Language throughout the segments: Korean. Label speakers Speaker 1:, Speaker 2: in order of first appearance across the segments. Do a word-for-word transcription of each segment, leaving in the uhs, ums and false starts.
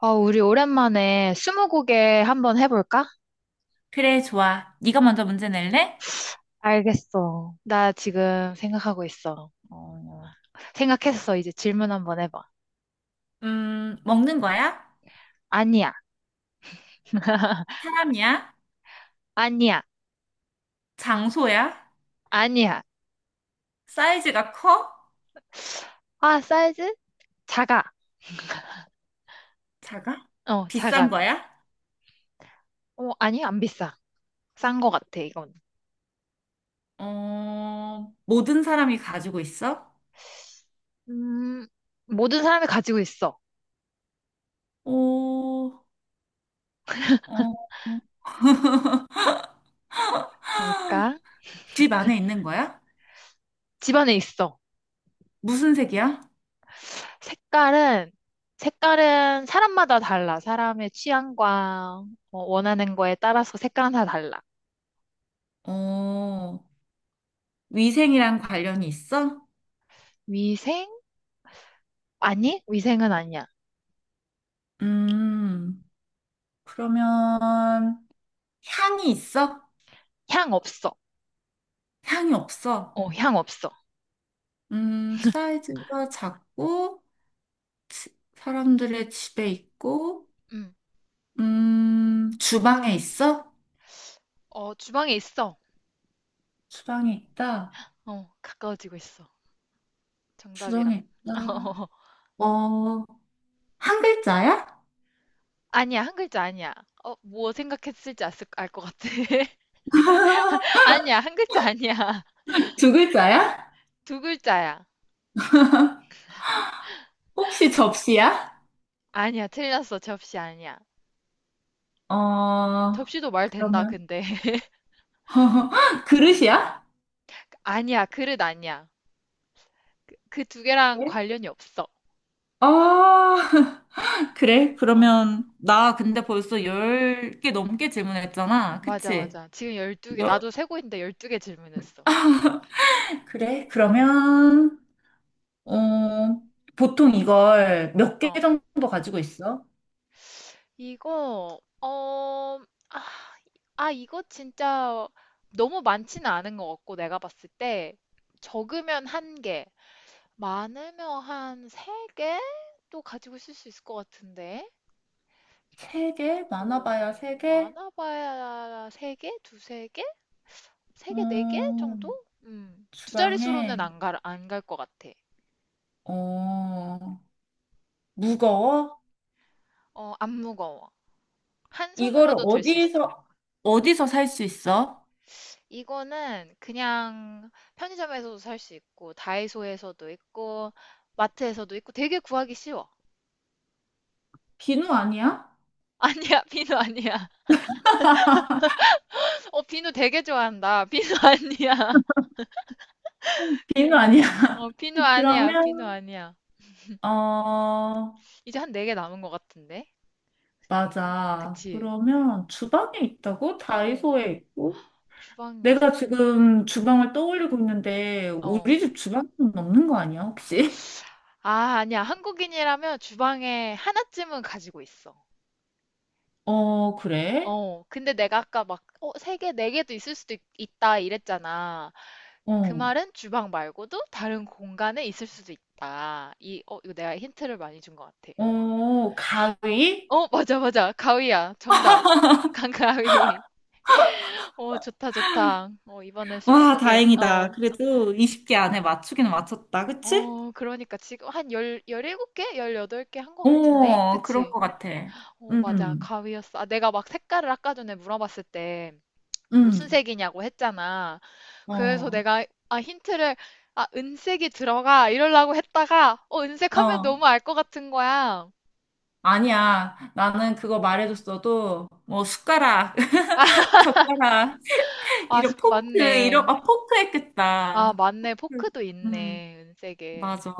Speaker 1: 어, 우리 오랜만에 스무고개 한번 해볼까?
Speaker 2: 그래, 좋아. 네가 먼저 문제 낼래?
Speaker 1: 알겠어. 나 지금 생각하고 있어. 어, 생각했어. 이제 질문 한번 해봐.
Speaker 2: 음, 먹는 거야?
Speaker 1: 아니야.
Speaker 2: 사람이야?
Speaker 1: 아니야.
Speaker 2: 장소야?
Speaker 1: 아니야.
Speaker 2: 사이즈가 커?
Speaker 1: 아, 사이즈? 작아.
Speaker 2: 작아?
Speaker 1: 어, 작아.
Speaker 2: 비싼 거야?
Speaker 1: 어, 아니, 안 비싸. 싼 거 같아, 이건.
Speaker 2: 어, 모든 사람이 가지고 있어?
Speaker 1: 음, 모든 사람이 가지고 있어.
Speaker 2: 오, 어,
Speaker 1: 뭘까?
Speaker 2: 집 안에 있는 거야?
Speaker 1: 집안에 있어.
Speaker 2: 무슨 색이야?
Speaker 1: 색깔은, 색깔은 사람마다 달라. 사람의 취향과 어, 원하는 거에 따라서 색깔은 다 달라.
Speaker 2: 어, 위생이랑 관련이 있어?
Speaker 1: 위생? 아니, 위생은 아니야.
Speaker 2: 음, 그러면 향이 있어?
Speaker 1: 향 없어.
Speaker 2: 향이 없어?
Speaker 1: 어, 향 없어.
Speaker 2: 음, 사이즈가 작고, 치- 사람들의 집에 있고,
Speaker 1: 음.
Speaker 2: 음, 주방에 있어?
Speaker 1: 어, 주방에 있어.
Speaker 2: 주방에 있다.
Speaker 1: 어, 가까워지고 있어. 정답이랑.
Speaker 2: 주방에 있다. 어, 한 글자야?
Speaker 1: 아니야, 한 글자 아니야. 어, 뭐 생각했을지 알 것 같아. 아니야, 한 글자 아니야.
Speaker 2: 두 글자야?
Speaker 1: 두 글자야.
Speaker 2: 혹시 접시야?
Speaker 1: 아니야, 틀렸어. 접시 아니야.
Speaker 2: 어,
Speaker 1: 접시도 말 된다,
Speaker 2: 그러면,
Speaker 1: 근데. 아니야.
Speaker 2: 그릇이야?
Speaker 1: 아니야, 그릇 아니야. 그 두 개랑
Speaker 2: 네.
Speaker 1: 관련이 없어.
Speaker 2: 아, 그래?
Speaker 1: 어,
Speaker 2: 그러면, 나 근데 벌써 열 개 넘게 질문했잖아,
Speaker 1: 맞아,
Speaker 2: 그치?
Speaker 1: 맞아. 지금 열두 개
Speaker 2: 여-
Speaker 1: 나도 세고 있는데 열두 개 질문했어.
Speaker 2: 그래?
Speaker 1: 어.
Speaker 2: 그러면, 어, 보통 이걸 몇 개
Speaker 1: 어.
Speaker 2: 정도 가지고 있어?
Speaker 1: 이거 어, 아, 아, 이거 진짜 너무 많지는 않은 것 같고 내가 봤을 때 적으면 한 개, 많으면 한 세 개? 또 가지고 있을 수 있을 것 같은데 세
Speaker 2: 세
Speaker 1: 개?
Speaker 2: 개?
Speaker 1: 어,
Speaker 2: 많아봐야 세 개?
Speaker 1: 많아봐야 세 개? 두세 개? 세 개, 네 개
Speaker 2: 어,
Speaker 1: 정도? 음, 두 자릿수로는
Speaker 2: 주방에,
Speaker 1: 안 갈, 안 갈 것 같아.
Speaker 2: 어, 무거워?
Speaker 1: 어, 안 무거워. 한
Speaker 2: 이거를
Speaker 1: 손으로도 들 수 있어.
Speaker 2: 어디서, 어디서 살 수 있어?
Speaker 1: 이거는 그냥 편의점에서도 살 수 있고, 다이소에서도 있고, 마트에서도 있고, 되게 구하기 쉬워.
Speaker 2: 비누 아니야?
Speaker 1: 아니야, 비누 아니야. 어, 비누 되게 좋아한다. 비누 아니야.
Speaker 2: 비누
Speaker 1: 비누
Speaker 2: 아니야?
Speaker 1: 아니야. 어, 비누 아니야. 비누
Speaker 2: 그러면,
Speaker 1: 아니야.
Speaker 2: 어,
Speaker 1: 이제 한 네 개 남은 것 같은데? 네 개?
Speaker 2: 맞아.
Speaker 1: 그치?
Speaker 2: 그러면 주방에 있다고?
Speaker 1: 어,
Speaker 2: 다이소에 있고?
Speaker 1: 주방에
Speaker 2: 내가
Speaker 1: 있어.
Speaker 2: 지금 주방을 떠올리고 있는데,
Speaker 1: 어.
Speaker 2: 우리 집 주방은 없는 거 아니야, 혹시?
Speaker 1: 아, 아니야. 한국인이라면 주방에 하나쯤은 가지고 있어.
Speaker 2: 어, 그래?
Speaker 1: 어, 근데 내가 아까 막, 어, 세 개, 네 개도 있을 수도 있, 다 이랬잖아. 그
Speaker 2: 어,
Speaker 1: 말은 주방 말고도 다른 공간에 있을 수도 있다. 이, 어, 이거 내가 힌트를 많이 준 것 같아.
Speaker 2: 어, 가위?
Speaker 1: 어, 맞아, 맞아. 가위야. 정답. 강가위. 어, 좋다, 좋다. 어, 이번에
Speaker 2: 와,
Speaker 1: 스무고개. 어.
Speaker 2: 다행이다. 그래도 스무 개 안에 맞추기는 맞췄다, 그치?
Speaker 1: 어, 그러니까 지금 한 열, 열일곱 개? 열여덟 개 한 것 같은데?
Speaker 2: 어, 그런
Speaker 1: 그치?
Speaker 2: 것 같아.
Speaker 1: 어, 맞아.
Speaker 2: 음,
Speaker 1: 가위였어. 아, 내가 막 색깔을 아까 전에 물어봤을 때 무슨
Speaker 2: 음.
Speaker 1: 색이냐고 했잖아. 그래서
Speaker 2: 어,
Speaker 1: 내가 아 힌트를 아 은색이 들어가 이러려고 했다가 어 은색 하면
Speaker 2: 어.
Speaker 1: 너무 알 것 같은 거야.
Speaker 2: 아니야. 나는 그거 말해줬어도, 뭐, 숟가락, 젓가락,
Speaker 1: 아
Speaker 2: 이런
Speaker 1: 스쿠
Speaker 2: 포크, 이런,
Speaker 1: 맞네.
Speaker 2: 아, 포크
Speaker 1: 아
Speaker 2: 했겠다. 포크.
Speaker 1: 맞네. 포크도
Speaker 2: 음.
Speaker 1: 있네. 은색에.
Speaker 2: 맞아.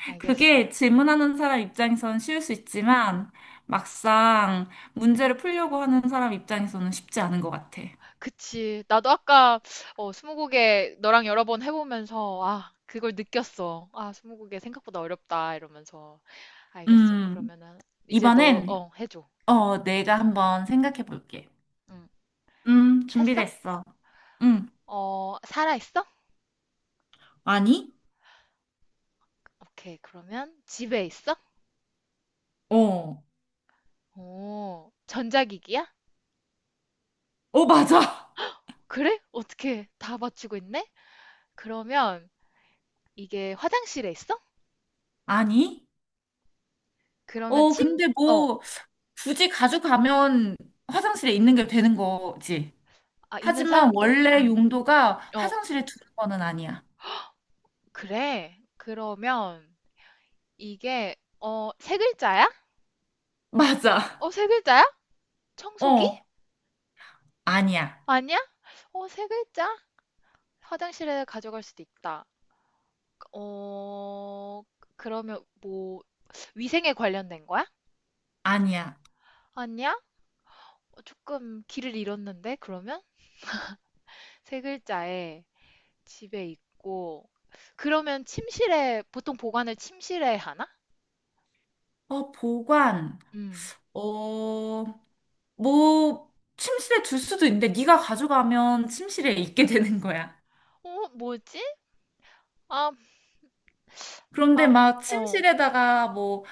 Speaker 1: 알겠어.
Speaker 2: 그게 질문하는 사람 입장에서는 쉬울 수 있지만 막상 문제를 풀려고 하는 사람 입장에서는 쉽지 않은 것 같아.
Speaker 1: 그치. 나도 아까 어 스무고개 너랑 여러 번 해보면서 아 그걸 느꼈어. 아 스무고개 생각보다 어렵다 이러면서. 알겠어.
Speaker 2: 음,
Speaker 1: 그러면은 이제 너
Speaker 2: 이번엔
Speaker 1: 어 해줘.
Speaker 2: 어, 내가 한번 생각해 볼게.
Speaker 1: 응.
Speaker 2: 음,
Speaker 1: 했어?
Speaker 2: 준비됐어. 음,
Speaker 1: 어 살아 있어?
Speaker 2: 아니?
Speaker 1: 오케이, 그러면 집에 있어?
Speaker 2: 어,
Speaker 1: 오, 전자기기야?
Speaker 2: 어, 맞아.
Speaker 1: 그래? 어떻게 다 맞추고 있네? 그러면 이게 화장실에 있어?
Speaker 2: 아니?
Speaker 1: 그러면
Speaker 2: 어,
Speaker 1: 침,
Speaker 2: 근데
Speaker 1: 어,
Speaker 2: 뭐 굳이 가져가면 화장실에 있는 게 되는 거지.
Speaker 1: 아, 있는
Speaker 2: 하지만
Speaker 1: 사람도?
Speaker 2: 원래
Speaker 1: 음,
Speaker 2: 용도가
Speaker 1: 어,
Speaker 2: 화장실에 두는 거는 아니야.
Speaker 1: 그래. 그러면 이게, 어, 세 글자야?
Speaker 2: 맞아.
Speaker 1: 어, 세 글자야? 청소기?
Speaker 2: 어. 아니야,
Speaker 1: 아니야? 어, 세 글자? 화장실에 가져갈 수도 있다. 어, 그러면 뭐, 위생에 관련된 거야?
Speaker 2: 아니야.
Speaker 1: 아니야? 어, 조금 길을 잃었는데, 그러면? 세 글자에 집에 있고 그러면 침실에 보통 보관을 침실에 하나?
Speaker 2: 어, 보관,
Speaker 1: 음.
Speaker 2: 어, 뭐, 침실에 둘 수도 있는데, 네가 가져가면 침실에 있게 되는 거야.
Speaker 1: 어, 뭐지? 아,
Speaker 2: 그런데
Speaker 1: 아,
Speaker 2: 막
Speaker 1: 어.
Speaker 2: 침실에다가 뭐,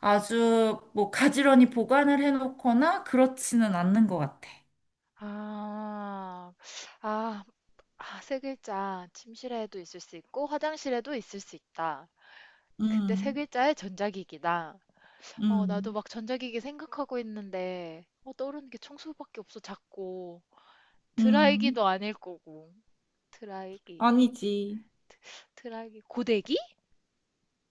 Speaker 2: 아주 뭐, 가지런히 보관을 해놓거나 그렇지는 않는 것 같아.
Speaker 1: 아, 아, 아, 세 글자. 침실에도 있을 수 있고 화장실에도 있을 수 있다. 근데 세
Speaker 2: 음,
Speaker 1: 글자에 전자기기다. 어, 나도
Speaker 2: 음,
Speaker 1: 막 전자기기 생각하고 있는데 어, 떠오르는 게 청소밖에 없어 자꾸.
Speaker 2: 음.
Speaker 1: 드라이기도 아닐 거고. 드라이기.
Speaker 2: 아니지.
Speaker 1: 드라이기. 고데기?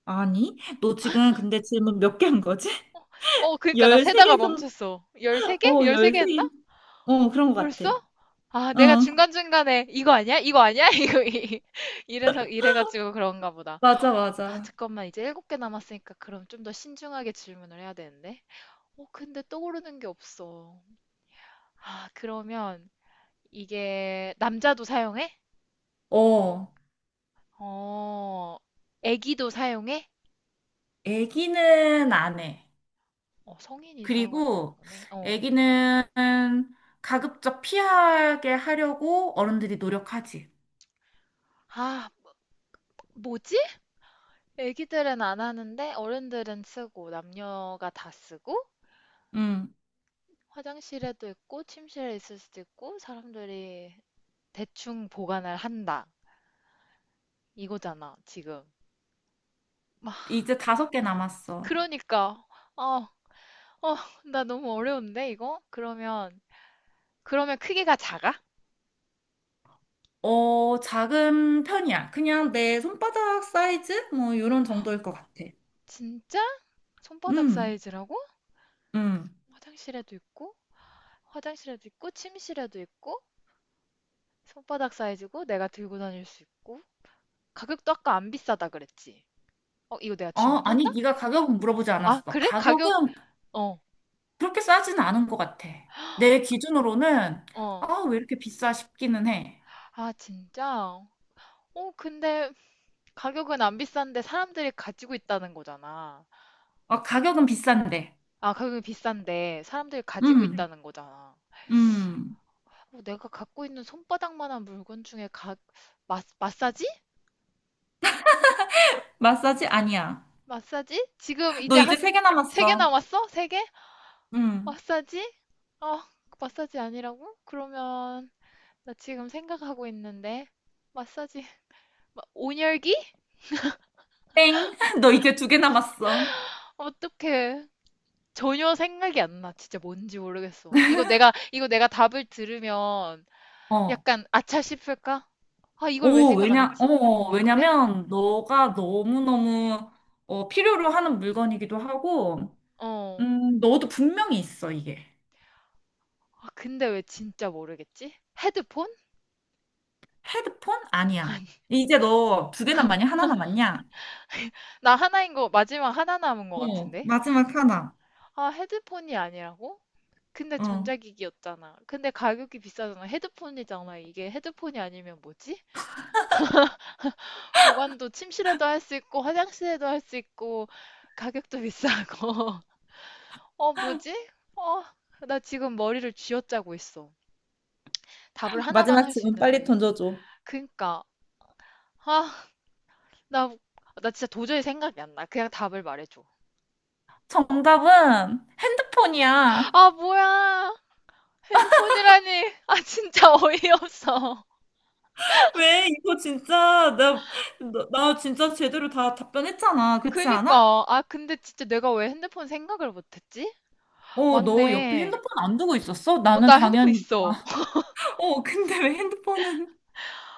Speaker 2: 아니? 너 지금 근데 질문 몇 개 한 거지?
Speaker 1: 어, 그니까 나 세다가
Speaker 2: 열세 개 정도?
Speaker 1: 멈췄어. 열세 개?
Speaker 2: 어,
Speaker 1: 열세 개 했나?
Speaker 2: 열세 개. 어, 그런 것 같아.
Speaker 1: 벌써? 아, 내가
Speaker 2: 어,
Speaker 1: 중간중간에 이거 아니야? 이거 아니야? 이거 이- 이래서 이래가지고 그런가 보다.
Speaker 2: 맞아,
Speaker 1: 아,
Speaker 2: 맞아.
Speaker 1: 잠깐만. 이제 일곱 개 남았으니까 그럼 좀 더 신중하게 질문을 해야 되는데. 어, 근데 떠오르는 게 없어. 아, 그러면 이게 남자도 사용해?
Speaker 2: 어.
Speaker 1: 어, 애기도 사용해?
Speaker 2: 애기는 안 해.
Speaker 1: 어, 성인이 사용한다는
Speaker 2: 그리고
Speaker 1: 거네. 어.
Speaker 2: 애기는 가급적 피하게 하려고 어른들이 노력하지.
Speaker 1: 아, 뭐지? 애기들은 안 하는데 어른들은 쓰고 남녀가 다 쓰고
Speaker 2: 음,
Speaker 1: 화장실에도 있고 침실에 있을 수도 있고 사람들이 대충 보관을 한다. 이거잖아, 지금. 막
Speaker 2: 이제 다섯 개 남았어.
Speaker 1: 그러니까 어, 어, 나 너무 어려운데 이거? 그러면 그러면 크기가 작아?
Speaker 2: 어, 작은 편이야. 그냥 내 손바닥 사이즈? 뭐, 이런 정도일 것 같아.
Speaker 1: 진짜? 손바닥
Speaker 2: 음,
Speaker 1: 사이즈라고?
Speaker 2: 음.
Speaker 1: 화장실에도 있고 화장실에도 있고 침실에도 있고 손바닥 사이즈고 내가 들고 다닐 수 있고 가격도 아까 안 비싸다 그랬지? 어, 이거 내가
Speaker 2: 어, 아니, 네가 가격은 물어보지
Speaker 1: 아,
Speaker 2: 않았어.
Speaker 1: 그래? 가격,
Speaker 2: 가격은
Speaker 1: 어,
Speaker 2: 그렇게 싸진 않은 것 같아. 내 기준으로는,
Speaker 1: 어.
Speaker 2: 아, 왜 이렇게 비싸 싶기는 해.
Speaker 1: 아, 진짜? 어, 근데 가격은 안 비싼데 사람들이 가지고 있다는 거잖아.
Speaker 2: 어, 가격은 비싼데.
Speaker 1: 아, 가격이 비싼데 사람들이 가지고
Speaker 2: 음,
Speaker 1: 있다는 거잖아.
Speaker 2: 음.
Speaker 1: 어, 내가 갖고 있는 손바닥만한 물건 중에 가, 마, 마사지?
Speaker 2: 마사지 아니야.
Speaker 1: 마사지? 지금 이제
Speaker 2: 너
Speaker 1: 한
Speaker 2: 이제 세 개
Speaker 1: 세 개
Speaker 2: 남았어.
Speaker 1: 남았어? 세 개?
Speaker 2: 응.
Speaker 1: 마사지? 아, 마사지 아니라고? 그러면 나 지금 생각하고 있는데 마사지, 마- 온열기?
Speaker 2: 땡. 너 이제 두 개 남았어.
Speaker 1: 어떡해. 전혀 생각이 안 나. 진짜 뭔지 모르겠어. 이거 내가, 이거 내가 답을 들으면
Speaker 2: 어.
Speaker 1: 약간 아차 싶을까? 아, 이걸 왜
Speaker 2: 오,
Speaker 1: 생각 안
Speaker 2: 왜냐, 어,
Speaker 1: 했지?
Speaker 2: 어.
Speaker 1: 어, 그래?
Speaker 2: 왜냐면 너가 너무너무 어, 필요로 하는 물건이기도 하고,
Speaker 1: 어.
Speaker 2: 음, 너도 분명히 있어, 이게.
Speaker 1: 아, 근데 왜 진짜 모르겠지? 헤드폰?
Speaker 2: 헤드폰? 아니야.
Speaker 1: 아니,
Speaker 2: 이제 너 두 개 남았냐? 하나 남았냐?
Speaker 1: 나 하나인 거, 마지막 하나 남은 거
Speaker 2: 어,
Speaker 1: 같은데?
Speaker 2: 마지막 하나.
Speaker 1: 아, 헤드폰이 아니라고? 근데
Speaker 2: 어.
Speaker 1: 전자기기였잖아. 근데 가격이 비싸잖아. 헤드폰이잖아. 이게 헤드폰이 아니면 뭐지? 보관도 침실에도 할 수 있고, 화장실에도 할 수 있고, 가격도 비싸고. 어, 뭐지? 어, 나 지금 머리를 쥐어짜고 있어. 답을 하나만
Speaker 2: 마지막
Speaker 1: 할 수
Speaker 2: 질문 빨리
Speaker 1: 있는데.
Speaker 2: 던져줘.
Speaker 1: 그니까, 아, 나, 나 진짜 도저히 생각이 안 나. 그냥 답을 말해줘.
Speaker 2: 정답은 핸드폰이야.
Speaker 1: 아, 뭐야. 핸드폰이라니. 아, 진짜 어이없어.
Speaker 2: 왜? 이거 진짜, 나, 나, 나 진짜 제대로 다 답변했잖아. 그렇지 않아?
Speaker 1: 그니까, 아, 근데 진짜 내가 왜 핸드폰 생각을 못했지?
Speaker 2: 어, 너 옆에
Speaker 1: 맞네.
Speaker 2: 핸드폰 안 두고 있었어?
Speaker 1: 어,
Speaker 2: 나는
Speaker 1: 나 핸드폰
Speaker 2: 당연히.
Speaker 1: 있어.
Speaker 2: 아, 어, 근데 왜 핸드폰은?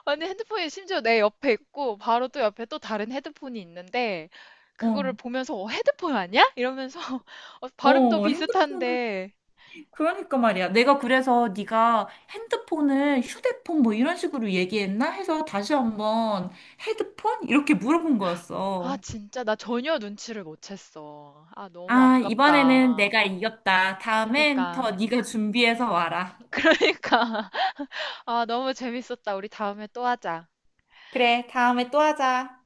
Speaker 1: 아니, 핸드폰이 심지어 내 옆에 있고, 바로 또 옆에 또 다른 헤드폰이 있는데, 그거를
Speaker 2: 어,
Speaker 1: 보면서, 어, 헤드폰 아니야? 이러면서, 어, 발음도
Speaker 2: 어, 핸드폰은
Speaker 1: 비슷한데,
Speaker 2: 그러니까 말이야. 내가 그래서 네가 핸드폰을 휴대폰 뭐 이런 식으로 얘기했나 해서 다시 한번 헤드폰? 이렇게 물어본
Speaker 1: 아,
Speaker 2: 거였어.
Speaker 1: 진짜, 나 전혀 눈치를 못 챘어. 아, 너무
Speaker 2: 아, 이번에는
Speaker 1: 아깝다.
Speaker 2: 내가 이겼다. 다음엔 더
Speaker 1: 그니까,
Speaker 2: 네가 준비해서 와라.
Speaker 1: 그러니까. 아, 너무 재밌었다. 우리 다음에 또 하자.
Speaker 2: 그래, 다음에 또 하자.